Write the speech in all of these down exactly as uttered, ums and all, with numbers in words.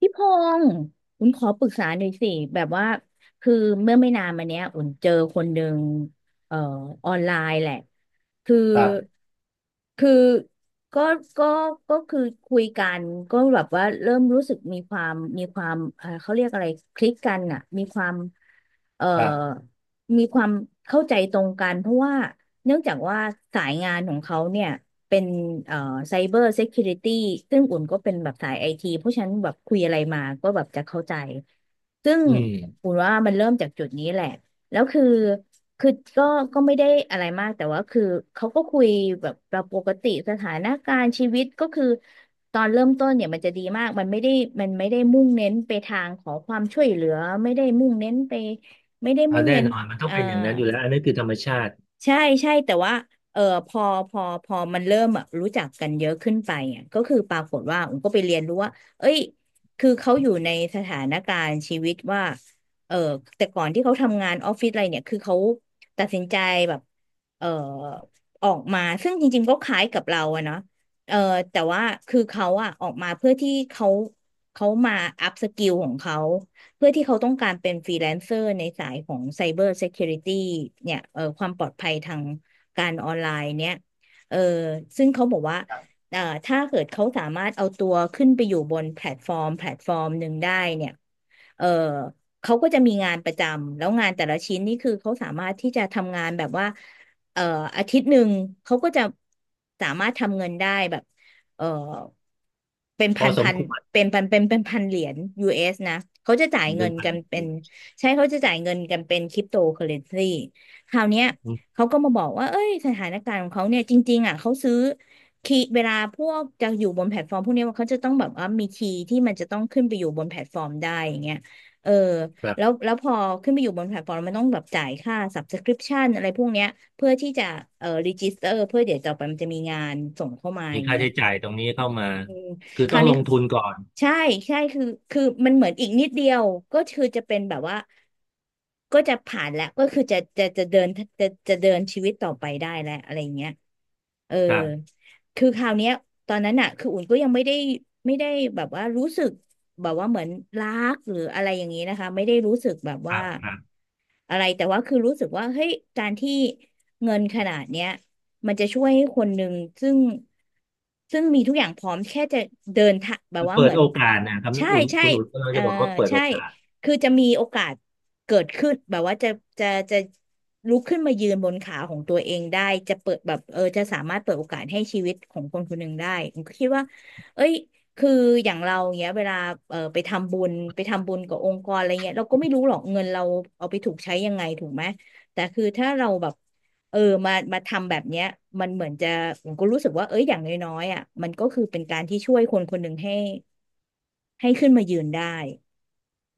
พี่พงศ์อุ่นขอปรึกษาหน่อยสิแบบว่าคือเมื่อไม่นานมาเนี้ยอุ่นเจอคนหนึ่งเอ่อออนไลน์แหละ คือครับคือก็ก็ก็คือคุยกันก็แบบว่าเริ่มรู้สึกมีความมีความเอ่อเขาเรียกอะไรคลิกกันอ่ะมีความเอ่อครับมีความเข้าใจตรงกัน เพราะว่าเนื่องจากว่าสายงานของเขาเนี่ยเป็นเอ่อไซเบอร์เซ u ูริตี้ซึ่งอุ่นก็เป็นแบบสายไอทีเพราะฉะนั้นแบบคุยอะไรมาก็แบบจะเข้าใจ ซึ่งอืมอุ่นว่ามันเริ่มจากจุดนี้แหละ แล้วคือคือก็ก็ไม่ได้อะไรมากแต่ว่าคือเขาก็คุยแบบเราปกติสถานการณ์ชีวิตก็คือตอนเริ่มต้นเนี่ยมันจะดีมากมันไม่ได้มันไม่ได้มุ่งเน้นไปทางขอความช่วยเหลือไม่ได้มุ่งเน้นไปไม่ได้เอามุ่งแน่เน้นนอนมันต้อเอ่งอ เป็นอย่างนั้นอยู่แล้วอันนี้คือธรรมชาติใช่ใช่แต่ว่าเออพอพอพอมันเริ่มแบบรู้จักกันเยอะขึ้นไปอ่ะก็คือปรากฏว่าผมก็ไปเรียนรู้ว่าเอ้ยคือเขาอยู่ในสถานการณ์ชีวิตว่าเออแต่ก่อนที่เขาทำงานออฟฟิศอะไรเนี่ยคือเขาตัดสินใจแบบเออออกมาซึ่งจริงๆก็คล้ายกับเราอะเนาะเออแต่ว่าคือเขาอะออกมาเพื่อที่เขาเขามาอัพสกิลของเขา เพื่อที่เขาต้องการเป็นฟรีแลนเซอร์ในสายของไซเบอร์เซ u ูริตี้เนี่ยเอ่อความปลอดภัยทางการออนไลน์เนี่ยเอ่อซึ่งเขาบอกว่าเอ่อถ้าเกิดเขาสามารถเอาตัวขึ้นไปอยู่บนแพลตฟอร์มแพลตฟอร์มหนึ่งได้เนี่ยเอ่อเขาก็จะมีงานประจำแล้วงานแต่ละชิ้นนี่คือเขาสามารถที่จะทำงานแบบว่าเอ่ออาทิตย์หนึ่งเขาก็จะสามารถทำเงินได้แบบ เออเป็นพพัอนสพัมนควรเป็นพันเป็นเป็นพันเหรียญ ยู เอส นะเขาจะจ่ายมันเงิเป็นนไปกันเป็นใช่เขาจะจ่ายเงินกันเป็นคริปโตเคอเรนซีคราวเนี้ยอืมเขาก็มาบอกว่าเอ้ยสถานการณ์ของเขาเนี่ยจริงๆอ่ะเขาซื้อคีย์เวลาพวกจะอยู่บนแพลตฟอร์มพวกเนี้ยเขาจะต้องแบบว่ามีคีย์ที่มันจะต้องขึ้นไปอยู่บนแพลตฟอร์มได้อย่างเงี้ยเออครัแล้วบแล้วพอขึ้นไปอยู่บนแพลตฟอร์มมันต้องแบบจ่ายค่า subscription อะไรพวกเนี้ยเพื่อที่จะเอ่อ register เพื่อเดี๋ยวต่อไปมันจะมีงานส่งเข้ามาอมีย่างค่าเงี้ย ใช้จ่ายตรงนี้เข้ามาเออคือคต้ราอวงลนี้งทุนก่อนใช่ใช่คือคือมันเหมือนอีกนิดเดียวก็คือจะเป็นแบบว่าก็จะผ่านแล้วก็คือจะจะจะเดินจะจะเดินชีวิตต่อไปได้แล้วอะไรอย่างเงี้ยเออครับคือคราวเนี้ยตอนนั้นอ่ะคืออุ่นก็ยังไม่ได้ไม่ได้แบบว่ารู้สึกแบบว่าเหมือนรักหรืออะไรอย่างนี้นะคะไม่ได้รู้สึกแบบคว่า รับครับอะไรแต่ว่าคือรู้สึกว่าเฮ้ยการที่เงินขนาดเนี้ยมันจะช่วยให้คนหนึ่งซึ่งซึ่งมีทุกอย่างพร้อมแค่จะเดินทางแบบว่าเปิเหดมือนโอกาสนะครับใช่คุณใช่คุณอุ่นก็เออจะบอกว่าเปิดใช่โอกาสคือจะมีโอกาสเกิดขึ้นแบบว่าจะจะจะลุกขึ้นมายืนบนขาของตัวเองได้จะเปิดแบบเออจะสามารถเปิดโอกาสให้ชีวิตของคนคนหนึ่งได้ผมก็คิดว่าเอ้ย คืออย่างเราเงี้ยเวลาเออไปทำบุญไปทำบุญกับองค์กรอะไรเงี้ยเราก็ไม่รู้หรอกเงินเราเอาไปถูกใช้ยังไงถูกไหมแต่คือถ้าเราแบบเออมามาทำแบบเนี้ยมันเหมือนจะผมก็รู้สึกว่าเอ้ยอย่างน้อยๆอ่ะมันก็คือเป็นการที่ช่วยคนคนหนึ่งให้ให้ขึ้นมายืนได้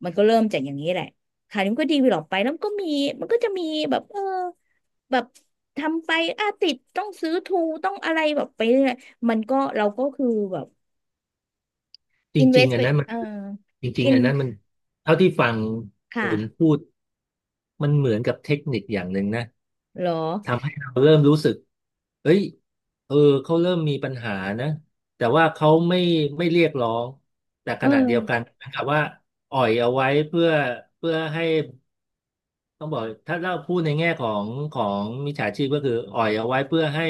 มันก็เริ่มจากอย่างนี้แหละค่ะนี่มันก็ดีไปหรอกไปแล้วมันก็มีมันก็จะมีแบบเออแบบทำไปอ่ะติดต้องซื้อทูต้องอะไรแบบไปเรื่อยมันก็เราก็คือแบบ จอินเวริงสๆอัไปนนั้นมันเออจริอิงๆนอันนั้นมันเท่าที่ฟังค่ะอุ่นพูดมันเหมือนกับเทคนิคอย่างหนึ่งนะ เหรอทำให้เราเริ่มรู้สึกเอ้ยเออเขาเริ่มมีปัญหานะแต่ว่าเขาไม่ไม่เรียกร้องแต่ขเอณะอเดียวกันเหมือนกับว่าอ่อยเอาไว้เพื่อเพื่อให้ต้องบอกถ้าเราพูดในแง่ของของมิจฉาชีพก็คืออ่อยเอาไว้เพื่อให้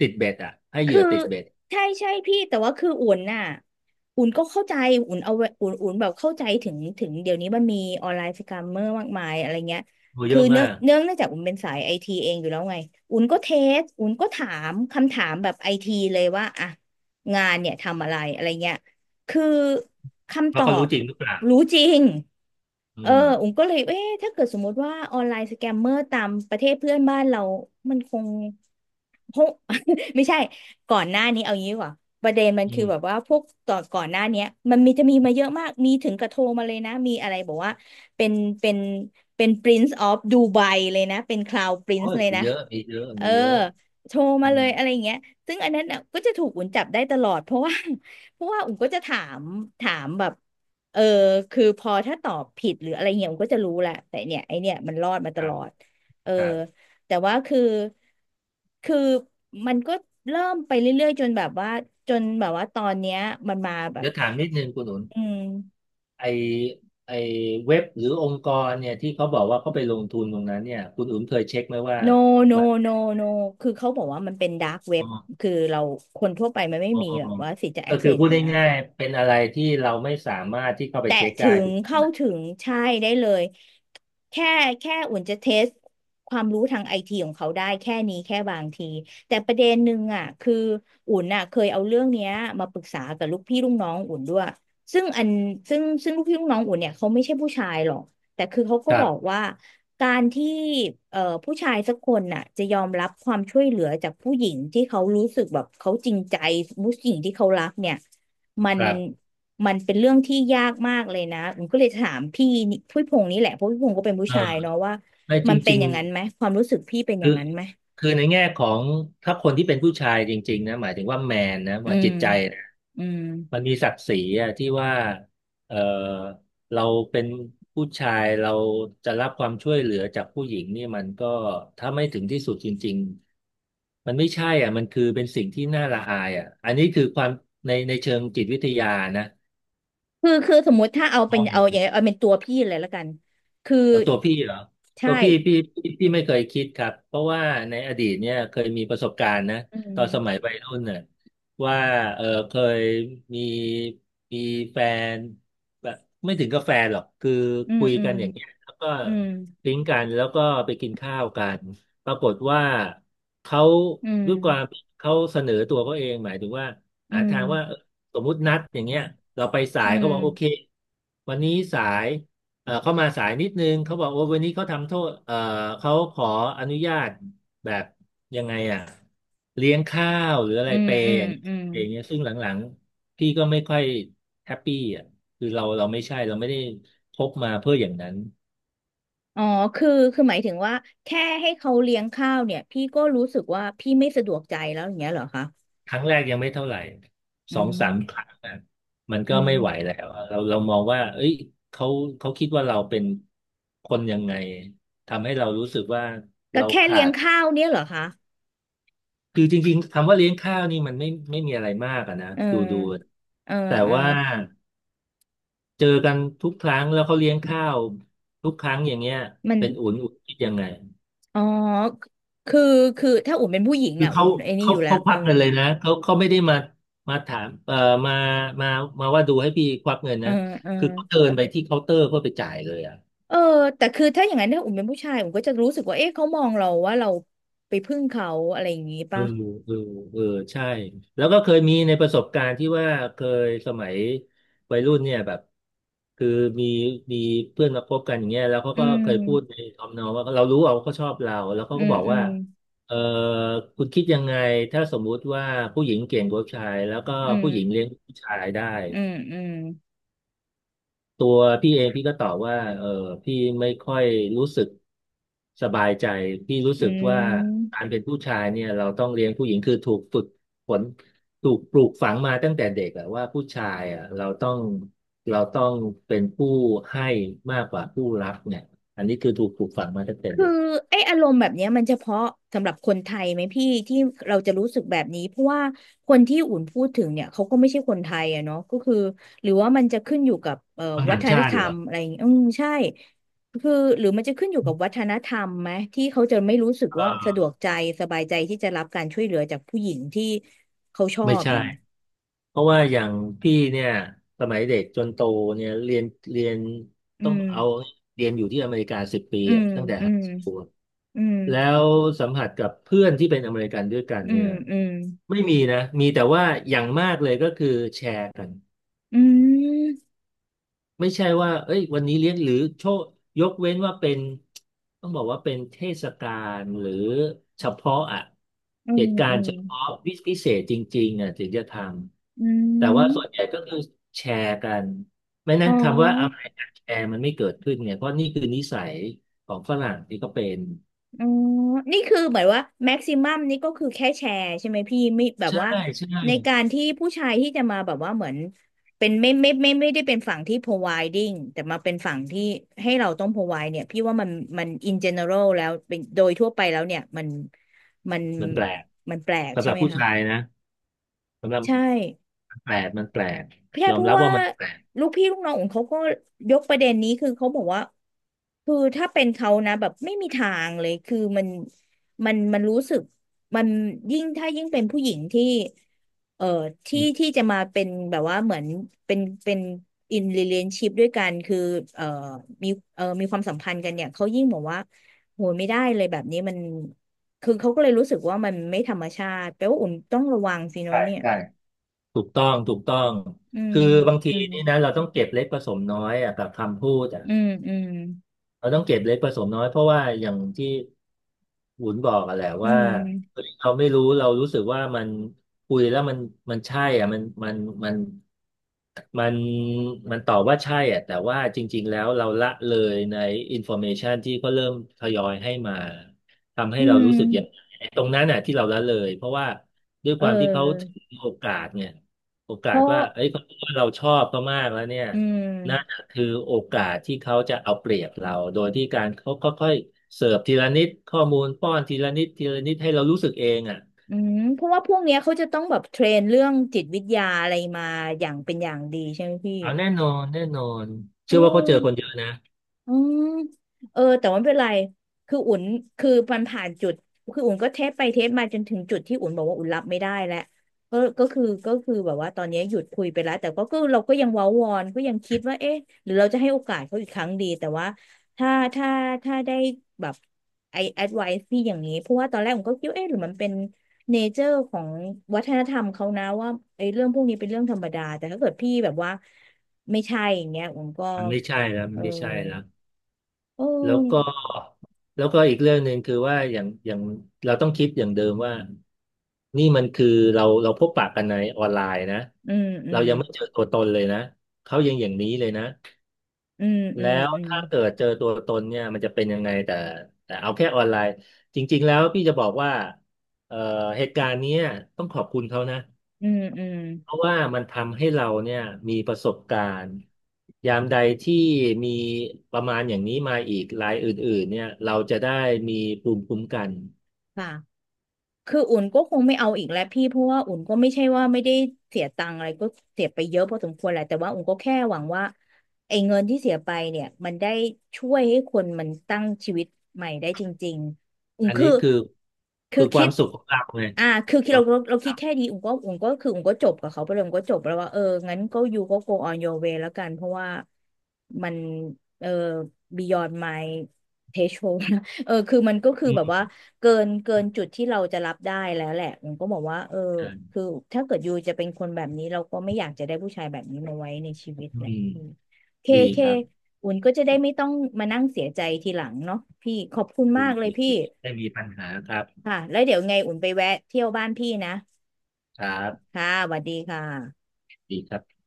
ติดเบ็ดอ่ะให้เหยื่คืออติดเบ็ดใช่ใช่พี่แต่ว่าคืออุ่นน่ะอุ่นก็เข้าใจอุ่นเอาอุ่นอุ่นแบบเข้าใจถึงถึงเดี๋ยวนี้มันมีออนไลน์สแกมเมอร์มากมายอะไรเงี้ยดูเยคืออะเนื่องมากเนื่องเนื่องจากอุ่นเป็นสายไอทีเองอยู่แล้วไงอุ่นก็เทสอุ่นก็ถามคำถามแบบไอทีเลยว่าอ่ะงานเนี่ยทำอะไรอะไรเงี้ย คือคำตว่าอเขารู้บจริงหรือเปล่ารู้จริงอืเออมอุ๋มก็เลยเอ๊ะถ้าเกิดสมมติว่าออนไลน์สแกมเมอร์ตามประเทศเพื่อนบ้านเรา มันคงคง ไม่ใช่ ก่อนหน้านี้เอางี้ดีกว่า ประเด็นมันอืคือแบบมว่าพวกต่อนก่อนหน้าเนี้ยมันมีจะมีมาเยอะมาก มีถึงกระโทรมาเลยนะ มีอะไรบอกว่า เป็น เป็นเป็น Prince of Dubai เลยนะ เป็น Cloud โอ้ Prince ยเลยมีนะ เยอะมีเยอะเออมีเยอะโทรอืมาเลมยอะไรอย่างเงี้ยซึ่งอันนั้นน่ะก็จะถูกอุ่นจับได้ตลอดเพราะว่า เพราะว่าอุ่นก็จะถามถามแบบเออคือพอถ้าตอบผิดหรืออะไรเงี้ยอุ่นก็จะรู้แหละแต่เนี่ยไอเนี่ยมันรอดมาตคลรับอดเออครับแต่ว่าคือคือมันก็เริ่มไปเรื่อยๆจนแบบว่าจนแบบว่าตอนเนี้ยมันมาแบบเดี๋ยวถามนิดนึงคุณหนุน อืม ไอไอเว็บหรือองค์กรเนี่ยที่เขาบอกว่าเขาไปลงทุนตรงนั้นเนี่ยคุณอุ๋มเคยเช็คไหมว่า no no มัน no no คือเขาบอกว่ามันเป็นดาร์กเว็อ๋บอคือเราคนทั่วไปมันไม่อ๋อมีอ๋อแบบว่าสิทธิ์จะ ก็คือ access พูอดยู่แล้ว ง่ายๆเป็นอะไรที่เราไม่สามารถที่เข้าไปแตะเช็คถึได้งถูกเข้าไหมถึงใช่ได้เลยแค่แค่อุ่นจะเทสความรู้ทางไอทีของเขาได้แค่นี้แค่บางทีแต่ประเด็นหนึ่งอ่ะคืออุ่นอ่ะเคยเอาเรื่องเนี้ยมาปรึกษากับลูกพี่ลูกน้องอุ่นด้วยซึ่งอันซึ่งซึ่งลูกพี่ลูกน้องอุ่นเนี่ยเขาไม่ใช่ผู้ชายหรอกแต่คือเขาก็ครับอกบว่าการที่เอ่อผู้ชายสักคนน่ะจะยอมรับความช่วยเหลือจากผู้หญิงที่เขารู้สึกแบบเขาจริงใจผู้หญิงที่เขารักเนี่ยมัคน รับมันเป็นเรื่องที่ยากมากเลยนะผมก็เลยถามพี่นี่พี่พงษ์นี่แหละเพราะพี่พงษ์ก็เป็นผู้เอชายอเนาะว่าไม่จมันเป็นริง อย่างนั้นไหมความรู้สึกพี่เป็นอคืย่าองนั้นไหมคือในแง่ของถ้าคนที่เป็นผู้ชายจริงๆนะหมายถึงว่าแมนนะอืว่ามจิตใจนะอืมมันมีศักดิ์ศรีอะที่ว่าเออเราเป็นผู้ชายเราจะรับความช่วยเหลือจากผู้หญิงนี่มันก็ถ้าไม่ถึงที่สุดจริงๆมันไม่ใช่อ่ะมันคือเป็นสิ่งที่น่าละอายอ่ะอันนี้คือความในในเชิงจิตวิทยานะคือคือสมมุติถ้าเอามเป็นองอเอาย่าง อย่างเอาเป็นตัวพี่เลยละกันคือเอาตัวพี่เหรอใช่ตัวพี่พี่พี่พี่ไม่เคยคิดครับเพราะว่าในอดีตเนี่ยเคยมีประสบการณ์นะอืตอนสมัยมวัยรุ่นน่ะว่าเออเคยมีมีแฟนแบบไม่ถึงกับแฟนหรอกคืออืมคุยอืกัมนอย่างเงี้ยแล้วก็อืมปิ๊งกันแล้วก็ไปกินข้าวกันปรากฏว่าเขาอืมด้วยความเขาเสนอตัวเขาเองหมายถึงว่าอืหามทางว่าเออสมมุตินัดอย่างเงี้ยเราไปสาอืยเขามบอกโอเควันนี้สาย เออเข้ามาสายนิดนึงเขาบอกว่าวันนี้เขาทำโทษเออเขาขออนุญาตแบบยังไงอ่ะเลี้ยงข้าวหรืออะไรอืมเปอืย์มอย่างเงี้ยอืมเปย์อย่างเงี้ยซึ่งหลังๆพี่ก็ไม่ค่อยแฮปปี้อ่ะคือเราเราไม่ใช่เราไม่ได้พบมาเพื่ออย่างนั้นอ๋อคือคือหมายถึงว่าแค่ให้เขาเลี้ยงข้าวเนี่ยพี่ก็รู้สึกว่าพี่ไม่สะดวกใจแล้วอย่างเงี้ยเหรอคะครั้งแรกยังไม่เท่าไหร่อืสองสามครั้มงอะมันอืก็ไม่ไหวม แล้วอะเราเรามองว่าเอ้ยเขาเขาคิดว่าเราเป็นคนยังไงทำให้เรารู้สึกว่าก็เราแค่ขาเลี้ยงด ข้าวเนี่ยเหรอคะคือจริงๆคำว่าเลี้ยงข้าวนี่มันไม่ไม่มีอะไรมากอะนะเอดูดูอเออแต่เออว่าเจอกันทุกครั้งแล้วเขาเลี้ยงข้าวทุกครั้งอย่างเงี้ยมันเป็นอุ่นอุ่นคิดยังไงอ๋อคือคือถ้าอุ่นเป็นผู้หญิงคืออ่ะอุ่เขานไอ้นี่เขาอยู่แล้วเขาคเออวักเงินเลยนะเขาเขาไม่ได้มามาถามเอ่อมามามาว่าดูให้พี่ควักเงินเออนะเออคือเขาเดินไปที่เคาน์เตอร์เพื่อไปจ่ายเลยอะ เออแต่คือถ้าอย่างนั้นถ้าอุ่นเป็นผู้ชายอุ่นก็จะรู้สึกว่าเอ๊ะเขามองเราว่าเราไปพึ่งเขาอะไรอย่างงี้เอป่ะอเออเออใช่แล้วก็เคยมีในประสบการณ์ที่ว่าเคยสมัยวัยรุ่นเนี่ยแบบคือมีมีเพื่อนมาคบกันอย่างเงี้ยแล้วเขาอืก็เคยพูดในมทำนองว่าเรารู้ว่าเขาชอบเราแล้วเขาอืก็มบอกอืว่ามเออคุณคิดยังไงถ้าสมมุติว่าผู้หญิงเก่งกว่าผู้ชายแล้วก็อืมผู้หญิงเลี้ยงผู้ชายได้ อืมอืมตัวพี่เองพี่ก็ตอบว่าเออพี่ไม่ค่อยรู้สึกสบายใจพี่รู้อืสึกว่ากาม รเป็นผู้ชายเนี่ยเราต้องเลี้ยงผู้หญิงคือถูกฝึกฝนถูกปลูกฝังมาตั้งแต่เด็กอะว่าผู้ชายอะเราต้องเราต้องเป็นผู้ให้มากกว่าผู้รับเนี่ยอันนี้คือถูกปลูกฝังมาตั้งแต่คือเด็กไอ้อารมณ์แบบเนี้ยมันเฉพาะสำหรับคนไทยไหมพี่ที่เราจะรู้สึกแบบนี้เพราะว่าคนที่อุ่นพูดถึงเนี่ยเขาก็ไม่ใช่คนไทยอะเนาะก็คือหรือว่ามันจะขึ้นอยู่กับเอ่อฝรั่งวัต่าฒงนชาธติรเหรรอมอะไรอย่างเงี้ยอืมใช่คือหรือมันจะขึ้นอยู่กับวัฒนธรรมไหมที่เขาจะไม่รู้สึกเว่าสะดวออกใจสบายใจที่จะรับการช่วยเหลือจากผู้หญิงที่เขาชอไม่บใช่ อย่างงี้เพราะว่าอย่างพี่เนี่ยสมัยเด็กจนโตเนี่ยเรียนเรียนอืต้องมเอาเรียนอยู่ที่อเมริกาสิบปีอือะมตั้งแต่อืไฮมสคูลอืมแล้วสัมผัสกับเพื่อนที่เป็นอเมริกันด้วยกันอืเนี่มยอืมไม่มีนะมีแต่ว่าอย่างมากเลยก็คือแชร์กัน อืมไม่ใช่ว่าเอ้ยวันนี้เลี้ยงหรือโชคยกเว้นว่าเป็นต้องบอกว่าเป็นเทศกาลหรือเฉพาะอ่ะอืเหมตุกาอืรณ์มเฉพาะวิพิเศษจริงๆอ่ะถึงจะทอืำแต่ว่าส่วนมใหญ่ก็คือแชร์กันไม่อ๋นั้นคำว่าอะอ ไรกันแชร์มันไม่เกิดขึ้นเนี่ยเพราะนี่คือนิสัยของฝรั่งที่ก็เป็นอ๋อนี่คือเหมือนว่าแม็กซิมัมนี่ก็คือแค่แชร์ใช่ไหมพี่ไม่แบบใชว่า่ใช่ในการที่ผู้ชายที่จะมาแบบว่าเหมือนเป็นไม่ไม่ไม่ไม่ได้เป็นฝั่งที่ providing แต่มาเป็นฝั่งที่ให้เราต้อง provide เนี่ยพี่ว่ามันมัน in general แล้วเป็นโดยทั่วไปแล้วเนี่ยมันมันมันแปลกมันแปลกสำหใช่รับไหมผู้คะชายนะสำหรับใช่ มันแปลกมันแปลกพี่ยอเพมราะรับว่าว่ามันแปลกลูกพี่ลูกน้องของเขาก็ยกประเด็นนี้คือเขาบอกว่าคือถ้าเป็นเขานะแบบไม่มีทางเลยคือมันมันมันรู้สึกมันยิ่งถ้ายิ่งเป็นผู้หญิงที่เอ่ออืที่ที่มจะมาเป็นแบบว่าเหมือนเป็นเป็นอิน e l a t i ชิพด้วยกันคือเอ่อมีเอ่อมีความสัมพันธ์กันเนี่ยเขายิ่งบอกว่าโหยไม่ได้เลยแบบนี้มันคือเขาก็เลยรู้สึกว่ามันไม่ธรรมชาติแปลว่าอุ่นต้องระวังสิเนอะใช่เนี่ยใช่ ถูกต้อง ถูกต้อง อืมคือบางทีอืม นี่นะเราต้องเก็บเล็กผสมน้อยอะกับคำพูดอะ อืมอืมเราต้องเก็บเล็กผสมน้อยเพราะว่าอย่างที่หุนบอกอะแหละอืว่าเฮ้มยเราไม่รู้เรารู้สึกว่ามันคุยแล้วมันมันใช่อ่ะมันมันมันมันมันตอบว่าใช่อ่ะแต่ว่าจริงๆแล้วเราละเลยในอินโฟเมชันที่เขาเริ่มทยอยให้มาทำให้อืเรารู้สึกอย่างมไอ้ตรงนั้นน่ะที่เราละเลยเพราะว่าด้วยเอความที่เขาถืออโอกาสเนี่ยโอเพกาสราะว่าเอ้ยเขาคิดว่าเราชอบเขามากแล้วเนี่ย อืมคือโอกาสที่เขาจะเอาเปรียบเราโดยที่การเขาค่อยๆเสิร์ฟทีละนิดข้อมูลป้อนทีละนิดทีละนิดให้เรารู้สึกเองอ่ะอืมเพราะว่าพวกเนี้ยเขาจะต้องแบบเทรนเรื่องจิตวิทยาอะไรมาอย่างเป็นอย่างดีใช่ไหมพี่เอาแน่นอนแน่นอนเอเชื่อว่าเขาเจออ คนเยอะนะอืมเออแต่ว่าไม่เป็นไรคืออุ่นคือมันผ่านจุดคืออุ่นก็เทสไปเทสมาจนถึงจุดที่อุ่นบอกว่าอุ่นรับไม่ได้แล้วก็ก็คือก็คือแบบว่าตอนนี้หยุดคุยไปแล้วแต่ก็ก็เราก็ยังเว้าวอนก็ยังคิดว่าเอ๊ะหรือเราจะให้โอกาสเขาอีกครั้งดีแต่ว่าถ้าถ้าถ้าได้แบบไอแอดไวซ์พี่อย่างนี้เพราะว่าตอนแรกผมก็คิดว่าเอ๊ะหรือมันเป็นเนเจอร์ของวัฒนธรรมเขานะว่าไอ้เรื่องพวกนี้เป็นเรื่องธรรมดาแต่ถ้าเกิดพี่แบบว่าไม่ใช่อย่างเงี้ยผมก็มันไม่ใช่แล้วเอมันอ ไม่ใช่แล้วโอ้แล้วยก็แล้วก็อีกเรื่องหนึ่งคือว่าอย่างอย่างเราต้องคิดอย่างเดิมว่านี่มันคือเราเราพบปะกันในออนไลน์นะอืมอืเรามยังไม่เจอตัวตนเลยนะเขายังอย่างนี้เลยนะ อืมอืแล้มวอืมถ้าเกิดเจอตัวตนเนี่ยมันจะเป็นยังไงแต่แต่เอาแค่ออนไลน์จริงๆแล้วพี่จะบอกว่าเอ่อเหตุการณ์เนี้ยต้องขอบคุณเขานะอืมอืมเพราะว่ามันทำให้เราเนี่ยมีประสบการณ์ยามใดที่มีประมาณอย่างนี้มาอีกรายอื่นๆเนี่ยเราจะได้มีภูมิคุ้มกันค่ะ คืออุ่นก็คงไม่เอาอีกแล้วพี่เพราะว่าอุ่นก็ไม่ใช่ว่าไม่ได้เสียตังค์อะไรก็เสียไปเยอะพอสมควรแหละแต่ว่าอุ่นก็แค่หวังว่าไอ้เงินที่เสียไปเนี่ยมันได้ช่วยให้คนมันตั้งชีวิตใหม่ได้จริงๆอุ่นอันนี้คือคือคือคือคคิวามดสุขของเราไงอ่าคือคิดควาเรามสุเราขขเราองคิเราดแค่ดีอุ่นก็อุ่นก็คืออุ่นก็จบกับเขาไปเลยอุ่นก็จบแล้วว่าเอองั้นก็ยูก็ go on your way แล้วกันเพราะว่ามันเออ beyond my threshold นะ เออคือมันก็คืออืแบบมว่า เกินเกินจุดที่เราจะรับได้แล้วแหละผมก็บอกว่าเออคือถ้าเกิดยูจะเป็นคนแบบนี้เราก็ไม่อยากจะได้ผู้ชายแบบนี้มาไว้ในชีวิตอืแหละมพี่เคดีเคครับอุ่นก็จะได้ไม่ต้องมานั่งเสียใจทีหลังเนาะพี่ขอบคุณมาดีกเลยดีพี่ดีไม่มีปัญหาครับค่ะแล้วเดี๋ยวไงอุ่นไปแวะเที่ยวบ้านพี่นะครับค่ะสวัสดีค่ะดีครับ